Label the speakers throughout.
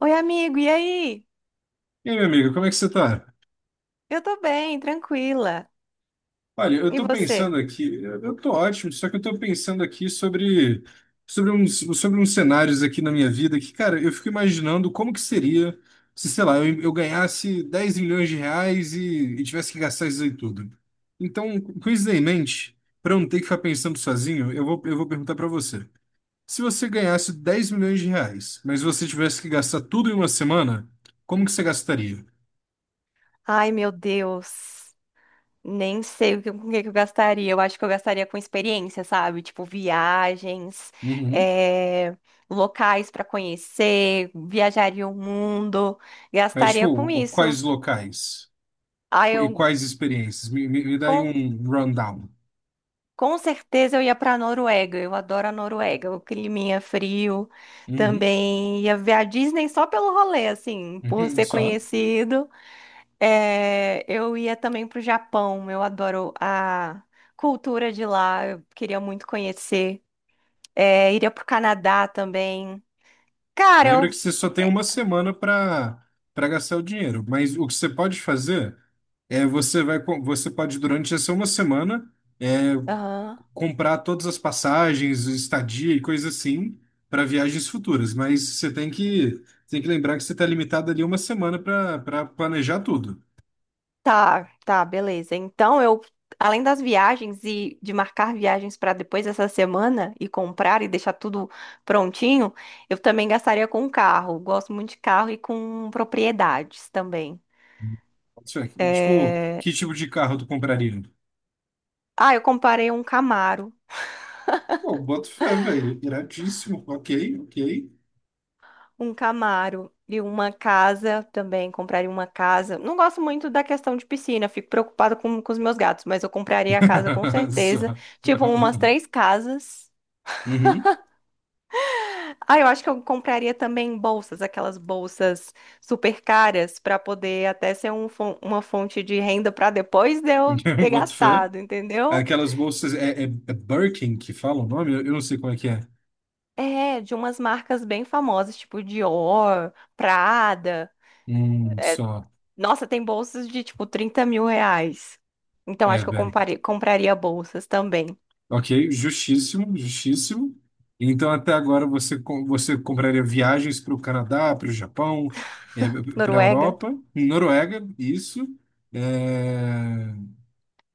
Speaker 1: Oi, amigo, e aí?
Speaker 2: E aí, meu amigo, como é que você tá?
Speaker 1: Eu tô bem, tranquila.
Speaker 2: Olha, eu
Speaker 1: E
Speaker 2: tô pensando
Speaker 1: você?
Speaker 2: aqui, eu tô ótimo, só que eu tô pensando aqui sobre uns cenários aqui na minha vida que, cara, eu fico imaginando como que seria se, sei lá, eu ganhasse 10 milhões de reais e tivesse que gastar isso aí tudo. Então, com isso daí em mente, pra eu não ter que ficar pensando sozinho, eu vou perguntar pra você. Se você ganhasse 10 milhões de reais, mas você tivesse que gastar tudo em uma semana, como que você gastaria?
Speaker 1: Ai, meu Deus. Nem sei com o que que eu gastaria. Eu acho que eu gastaria com experiência, sabe? Tipo, viagens,
Speaker 2: Uhum.
Speaker 1: eh, locais pra conhecer, viajaria o mundo,
Speaker 2: Mas,
Speaker 1: gastaria com
Speaker 2: tipo,
Speaker 1: isso.
Speaker 2: quais locais?
Speaker 1: Ai,
Speaker 2: E
Speaker 1: eu
Speaker 2: quais experiências? Me dá aí
Speaker 1: com,
Speaker 2: um rundown.
Speaker 1: com certeza eu ia pra Noruega. Eu adoro a Noruega, o climinha frio.
Speaker 2: Uhum.
Speaker 1: Também ia ver a Disney só pelo rolê, assim, por
Speaker 2: Uhum.
Speaker 1: ser
Speaker 2: Só.
Speaker 1: conhecido. É, eu ia também para o Japão, eu adoro a cultura de lá, eu queria muito conhecer. É, iria para o Canadá também. Cara,
Speaker 2: Lembra que
Speaker 1: eu.
Speaker 2: você só tem uma semana para gastar o dinheiro, mas o que você pode fazer é você vai você pode durante essa uma semana
Speaker 1: Aham.
Speaker 2: comprar todas as passagens, estadia e coisa assim para viagens futuras, mas você tem que lembrar que você está limitado ali uma semana para planejar tudo.
Speaker 1: Tá, tá, beleza. Então, eu, além das viagens e de marcar viagens para depois dessa semana e comprar e deixar tudo prontinho, eu também gastaria com carro. Gosto muito de carro e com propriedades também.
Speaker 2: Isso é. Tipo,
Speaker 1: É,
Speaker 2: que tipo de carro tu compraria?
Speaker 1: Ah, eu comparei um Camaro.
Speaker 2: Pô, boto fé, velho. Iradíssimo. Ok, ok.
Speaker 1: Um Camaro e uma casa também, compraria uma casa. Não gosto muito da questão de piscina, fico preocupada com os meus gatos, mas eu compraria a casa com certeza.
Speaker 2: Só.
Speaker 1: Tipo, umas três casas.
Speaker 2: Uhum.
Speaker 1: Ah, eu acho que eu compraria também bolsas, aquelas bolsas super caras, para poder até ser uma fonte de renda para depois de eu ter
Speaker 2: Boto fé.
Speaker 1: gastado, entendeu?
Speaker 2: Aquelas bolsas. É Birkin que fala o nome? Eu não sei como é que é.
Speaker 1: É, de umas marcas bem famosas, tipo Dior, Prada. É,
Speaker 2: Só.
Speaker 1: Nossa, tem bolsas de tipo 30 mil reais. Então
Speaker 2: É,
Speaker 1: acho que eu
Speaker 2: velho.
Speaker 1: compraria bolsas também.
Speaker 2: Ok, justíssimo, justíssimo. Então, até agora, você, você compraria viagens para o Canadá, para o Japão, para a
Speaker 1: Noruega.
Speaker 2: Europa, Noruega, isso. É,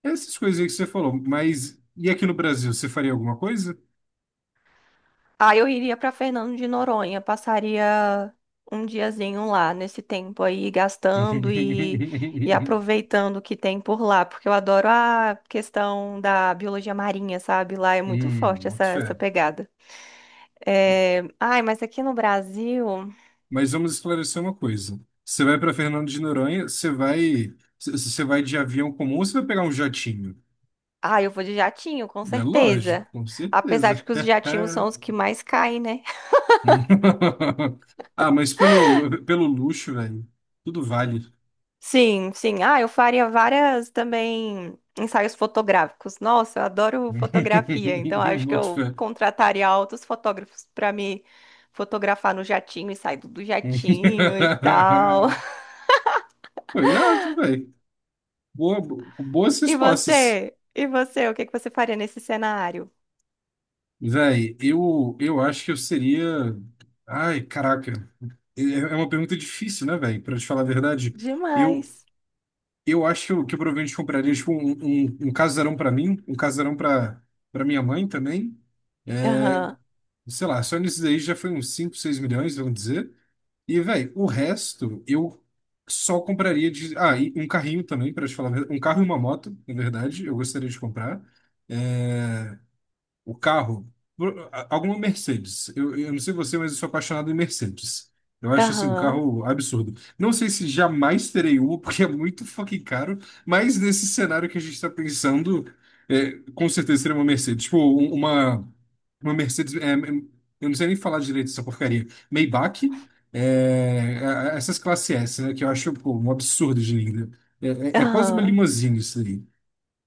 Speaker 2: essas coisas aí que você falou. Mas e aqui no Brasil, você faria alguma coisa?
Speaker 1: Aí eu iria pra Fernando de Noronha, passaria um diazinho lá nesse tempo aí, gastando e aproveitando o que tem por lá, porque eu adoro a questão da biologia marinha, sabe? Lá é muito forte
Speaker 2: Boto
Speaker 1: essa
Speaker 2: fé.
Speaker 1: pegada. Ai, mas aqui no Brasil.
Speaker 2: Mas vamos esclarecer uma coisa. Você vai para Fernando de Noronha, você vai, você vai de avião comum ou você vai pegar um jatinho?
Speaker 1: Ah, eu vou de jatinho, com
Speaker 2: É lógico,
Speaker 1: certeza.
Speaker 2: com
Speaker 1: Apesar
Speaker 2: certeza.
Speaker 1: de que os jatinhos são os que mais caem, né?
Speaker 2: Ah, mas pelo luxo, velho, tudo vale.
Speaker 1: Sim, sim. Ah, eu faria várias também ensaios fotográficos. Nossa, eu adoro fotografia, então acho que
Speaker 2: Boto
Speaker 1: eu
Speaker 2: fé.
Speaker 1: contrataria altos fotógrafos para me fotografar no jatinho e sair do jatinho e tal.
Speaker 2: Foi irado, velho. Boa, Boas
Speaker 1: E
Speaker 2: respostas.
Speaker 1: você? E você? O que que você faria nesse cenário?
Speaker 2: Velho, eu acho que eu seria. Ai, caraca. É uma pergunta difícil, né, velho? Pra te falar a verdade, eu,
Speaker 1: Demais.
Speaker 2: eu acho que eu provavelmente compraria tipo, um casarão pra mim, um casarão pra para minha mãe também.
Speaker 1: Aham,
Speaker 2: Sei lá, só nisso daí já foi uns 5, 6 milhões, vamos dizer. E, velho, o resto eu só compraria de. Ah, e um carrinho também, pra te falar a verdade. Um carro e uma moto, na verdade, eu gostaria de comprar. É, o carro, alguma Mercedes. Eu não sei você, mas eu sou apaixonado em Mercedes. Eu acho assim um
Speaker 1: aham,
Speaker 2: carro absurdo. Não sei se jamais terei uma, porque é muito fucking caro, mas nesse cenário que a gente está pensando, é, com certeza seria uma Mercedes. Tipo, uma Mercedes. Eu não sei nem falar direito dessa porcaria. Maybach, é, é, essas classe S, né? Que eu acho, pô, um absurdo de linda. É, é é quase uma
Speaker 1: aham.
Speaker 2: limousine isso aí.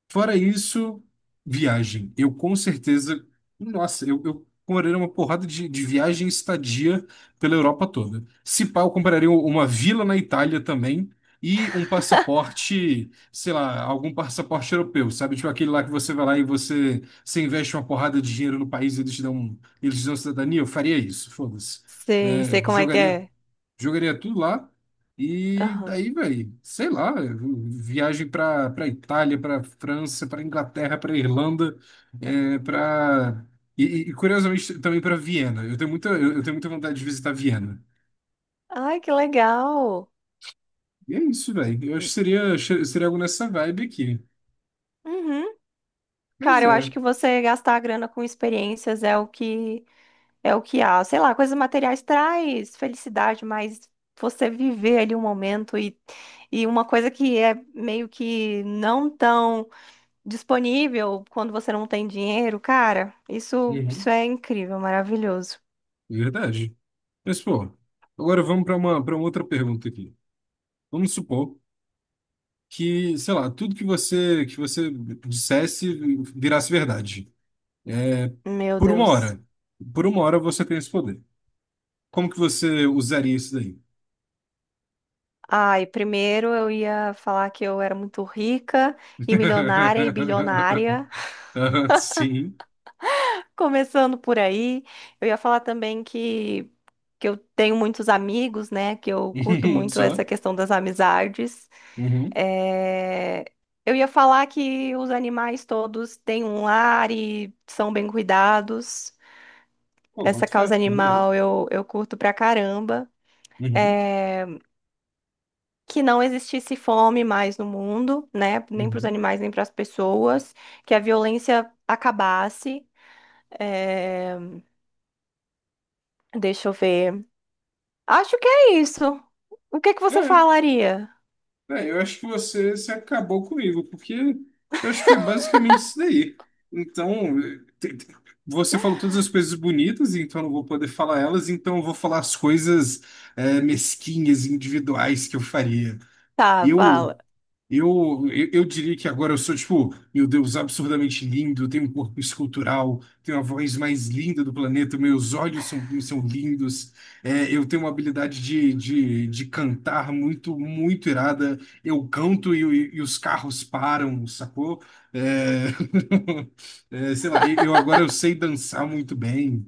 Speaker 2: Fora isso, viagem. Eu com certeza. Nossa, eu compraria uma porrada de viagem e estadia pela Europa toda. Se pá, eu compraria uma vila na Itália também e um passaporte, sei lá, algum passaporte europeu, sabe? Tipo aquele lá que você vai lá e você, você investe uma porrada de dinheiro no país e eles te dão, eles te dão cidadania. Eu faria isso, foda-se.
Speaker 1: Sei,
Speaker 2: É,
Speaker 1: sei como é que
Speaker 2: jogaria.
Speaker 1: é.
Speaker 2: Jogaria tudo lá. E
Speaker 1: Aham.
Speaker 2: daí, velho, sei lá, viagem pra Itália, pra França, pra Inglaterra, pra Irlanda, é, pra. E, Curiosamente também pra Viena. Eu tenho muita, eu tenho muita vontade de visitar Viena.
Speaker 1: Ai, que legal.
Speaker 2: E é isso, velho. Eu acho que seria algo nessa vibe aqui.
Speaker 1: Uhum.
Speaker 2: Mas
Speaker 1: Cara, eu acho
Speaker 2: é.
Speaker 1: que você gastar a grana com experiências é o que é o que há, sei lá, coisas materiais traz felicidade, mas você viver ali um momento e uma coisa que é meio que não tão disponível quando você não tem dinheiro, cara, isso
Speaker 2: Uhum.
Speaker 1: é incrível, maravilhoso.
Speaker 2: Verdade. Mas, pô, agora vamos para para outra pergunta aqui. Vamos supor que, sei lá, tudo que você dissesse virasse verdade. É,
Speaker 1: Meu
Speaker 2: por uma
Speaker 1: Deus.
Speaker 2: hora. Por uma hora você tem esse poder. Como que você usaria isso daí?
Speaker 1: Ai, primeiro eu ia falar que eu era muito rica e milionária e bilionária,
Speaker 2: Ah, sim.
Speaker 1: começando por aí. Eu ia falar também que eu tenho muitos amigos, né? Que eu curto muito essa
Speaker 2: Só?
Speaker 1: questão das amizades.
Speaker 2: Uhum.
Speaker 1: É, Eu ia falar que os animais todos têm um lar e são bem cuidados.
Speaker 2: Pô,
Speaker 1: Essa
Speaker 2: boto
Speaker 1: causa
Speaker 2: fé, maneiro.
Speaker 1: animal eu curto pra caramba.
Speaker 2: Uhum.
Speaker 1: É, Que não existisse fome mais no mundo, né? Nem para os
Speaker 2: Uhum.
Speaker 1: animais, nem para as pessoas. Que a violência acabasse. É, Deixa eu ver. Acho que é isso. O que que você
Speaker 2: É,
Speaker 1: falaria?
Speaker 2: eu acho que você se acabou comigo, porque eu acho que foi basicamente isso daí. Então, te- te- você falou todas as coisas bonitas, então eu não vou poder falar elas, então eu vou falar as coisas é, mesquinhas, individuais que eu faria.
Speaker 1: Tá,
Speaker 2: Eu,
Speaker 1: fala.
Speaker 2: eu diria que agora eu sou, tipo, meu Deus, absurdamente lindo, eu tenho um corpo escultural, tenho a voz mais linda do planeta, meus olhos são lindos, é, eu tenho uma habilidade de cantar muito, muito irada, eu canto e os carros param, sacou? É, é, sei lá, eu agora eu sei dançar muito bem.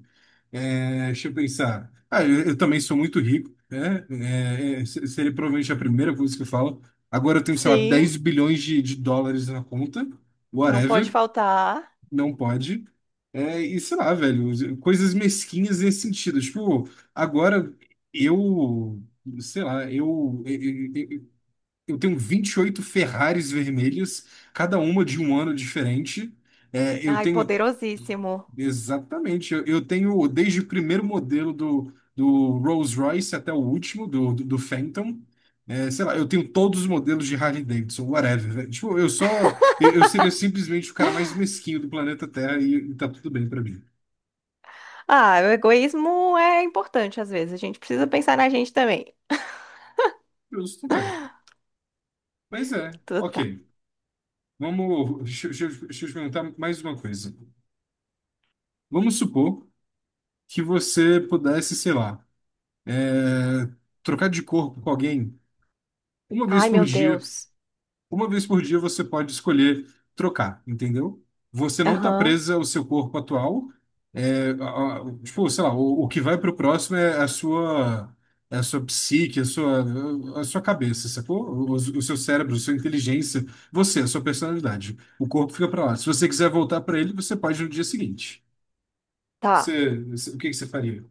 Speaker 2: É, deixa eu pensar. Ah, eu também sou muito rico, né? Seria provavelmente a primeira coisa que eu falo. Agora eu tenho, sei lá,
Speaker 1: Sim,
Speaker 2: 10 bilhões de dólares na conta,
Speaker 1: não pode
Speaker 2: whatever,
Speaker 1: faltar.
Speaker 2: não pode. É, e sei lá, velho, coisas mesquinhas nesse sentido. Tipo, agora eu, sei lá, eu tenho 28 Ferraris vermelhos, cada uma de um ano diferente. É, eu
Speaker 1: Ai,
Speaker 2: tenho
Speaker 1: poderosíssimo.
Speaker 2: exatamente. Eu tenho desde o primeiro modelo do Rolls-Royce até o último, do Phantom. É, sei lá, eu tenho todos os modelos de Harley Davidson, whatever, velho. Tipo, eu só. Eu seria simplesmente o cara mais mesquinho do planeta Terra e tá tudo bem pra mim.
Speaker 1: Ah, o egoísmo é importante às vezes. A gente precisa pensar na gente também.
Speaker 2: Justo, velho. Mas é,
Speaker 1: Tudo tá.
Speaker 2: ok. Vamos. Deixa eu te perguntar mais uma coisa. Vamos supor que você pudesse, sei lá, é, trocar de corpo com alguém uma vez
Speaker 1: Ai,
Speaker 2: por
Speaker 1: meu
Speaker 2: dia.
Speaker 1: Deus.
Speaker 2: Uma vez por dia você pode escolher trocar, entendeu? Você não está
Speaker 1: Aham,
Speaker 2: presa ao seu corpo atual. É, tipo, sei lá, o que vai para o próximo é a sua, psique, a sua cabeça, sacou? O seu cérebro, a sua inteligência, você, a sua personalidade. O corpo fica para lá. Se você quiser voltar para ele, você pode no dia seguinte.
Speaker 1: tá.
Speaker 2: O que que você faria?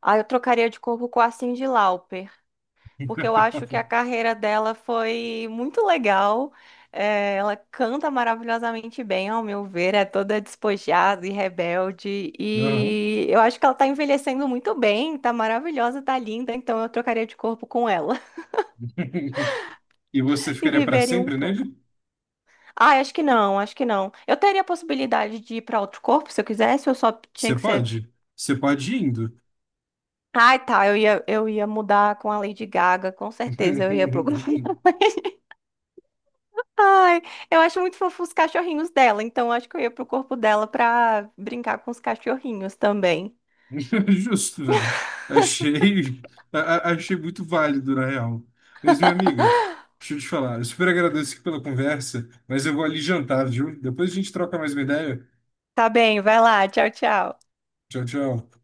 Speaker 1: Ah, eu trocaria de corpo com a Cyndi Lauper, porque eu acho que a carreira dela foi muito legal. É, ela canta maravilhosamente bem, ao meu ver, é toda despojada e rebelde.
Speaker 2: Não.
Speaker 1: E eu acho que ela tá envelhecendo muito bem, tá maravilhosa, tá linda, então eu trocaria de corpo com ela.
Speaker 2: E você
Speaker 1: E
Speaker 2: ficaria para
Speaker 1: viveriam um
Speaker 2: sempre
Speaker 1: pouco.
Speaker 2: nele?
Speaker 1: Ah, acho que não, acho que não. Eu teria a possibilidade de ir para outro corpo se eu quisesse, eu só tinha
Speaker 2: Você
Speaker 1: que ser.
Speaker 2: pode. Você pode ir indo.
Speaker 1: Ai, tá, eu ia mudar com a Lady Gaga, com certeza eu ia pro grupo dela. Ai, eu acho muito fofo os cachorrinhos dela, então eu acho que eu ia pro corpo dela pra brincar com os cachorrinhos também.
Speaker 2: Justo, velho. Achei, a- achei muito válido, na real. Mas, minha amiga, deixa eu te falar. Eu super agradeço aqui pela conversa, mas eu vou ali jantar, viu? Depois a gente troca mais uma ideia.
Speaker 1: Tá bem, vai lá, tchau, tchau.
Speaker 2: Tchau, tchau.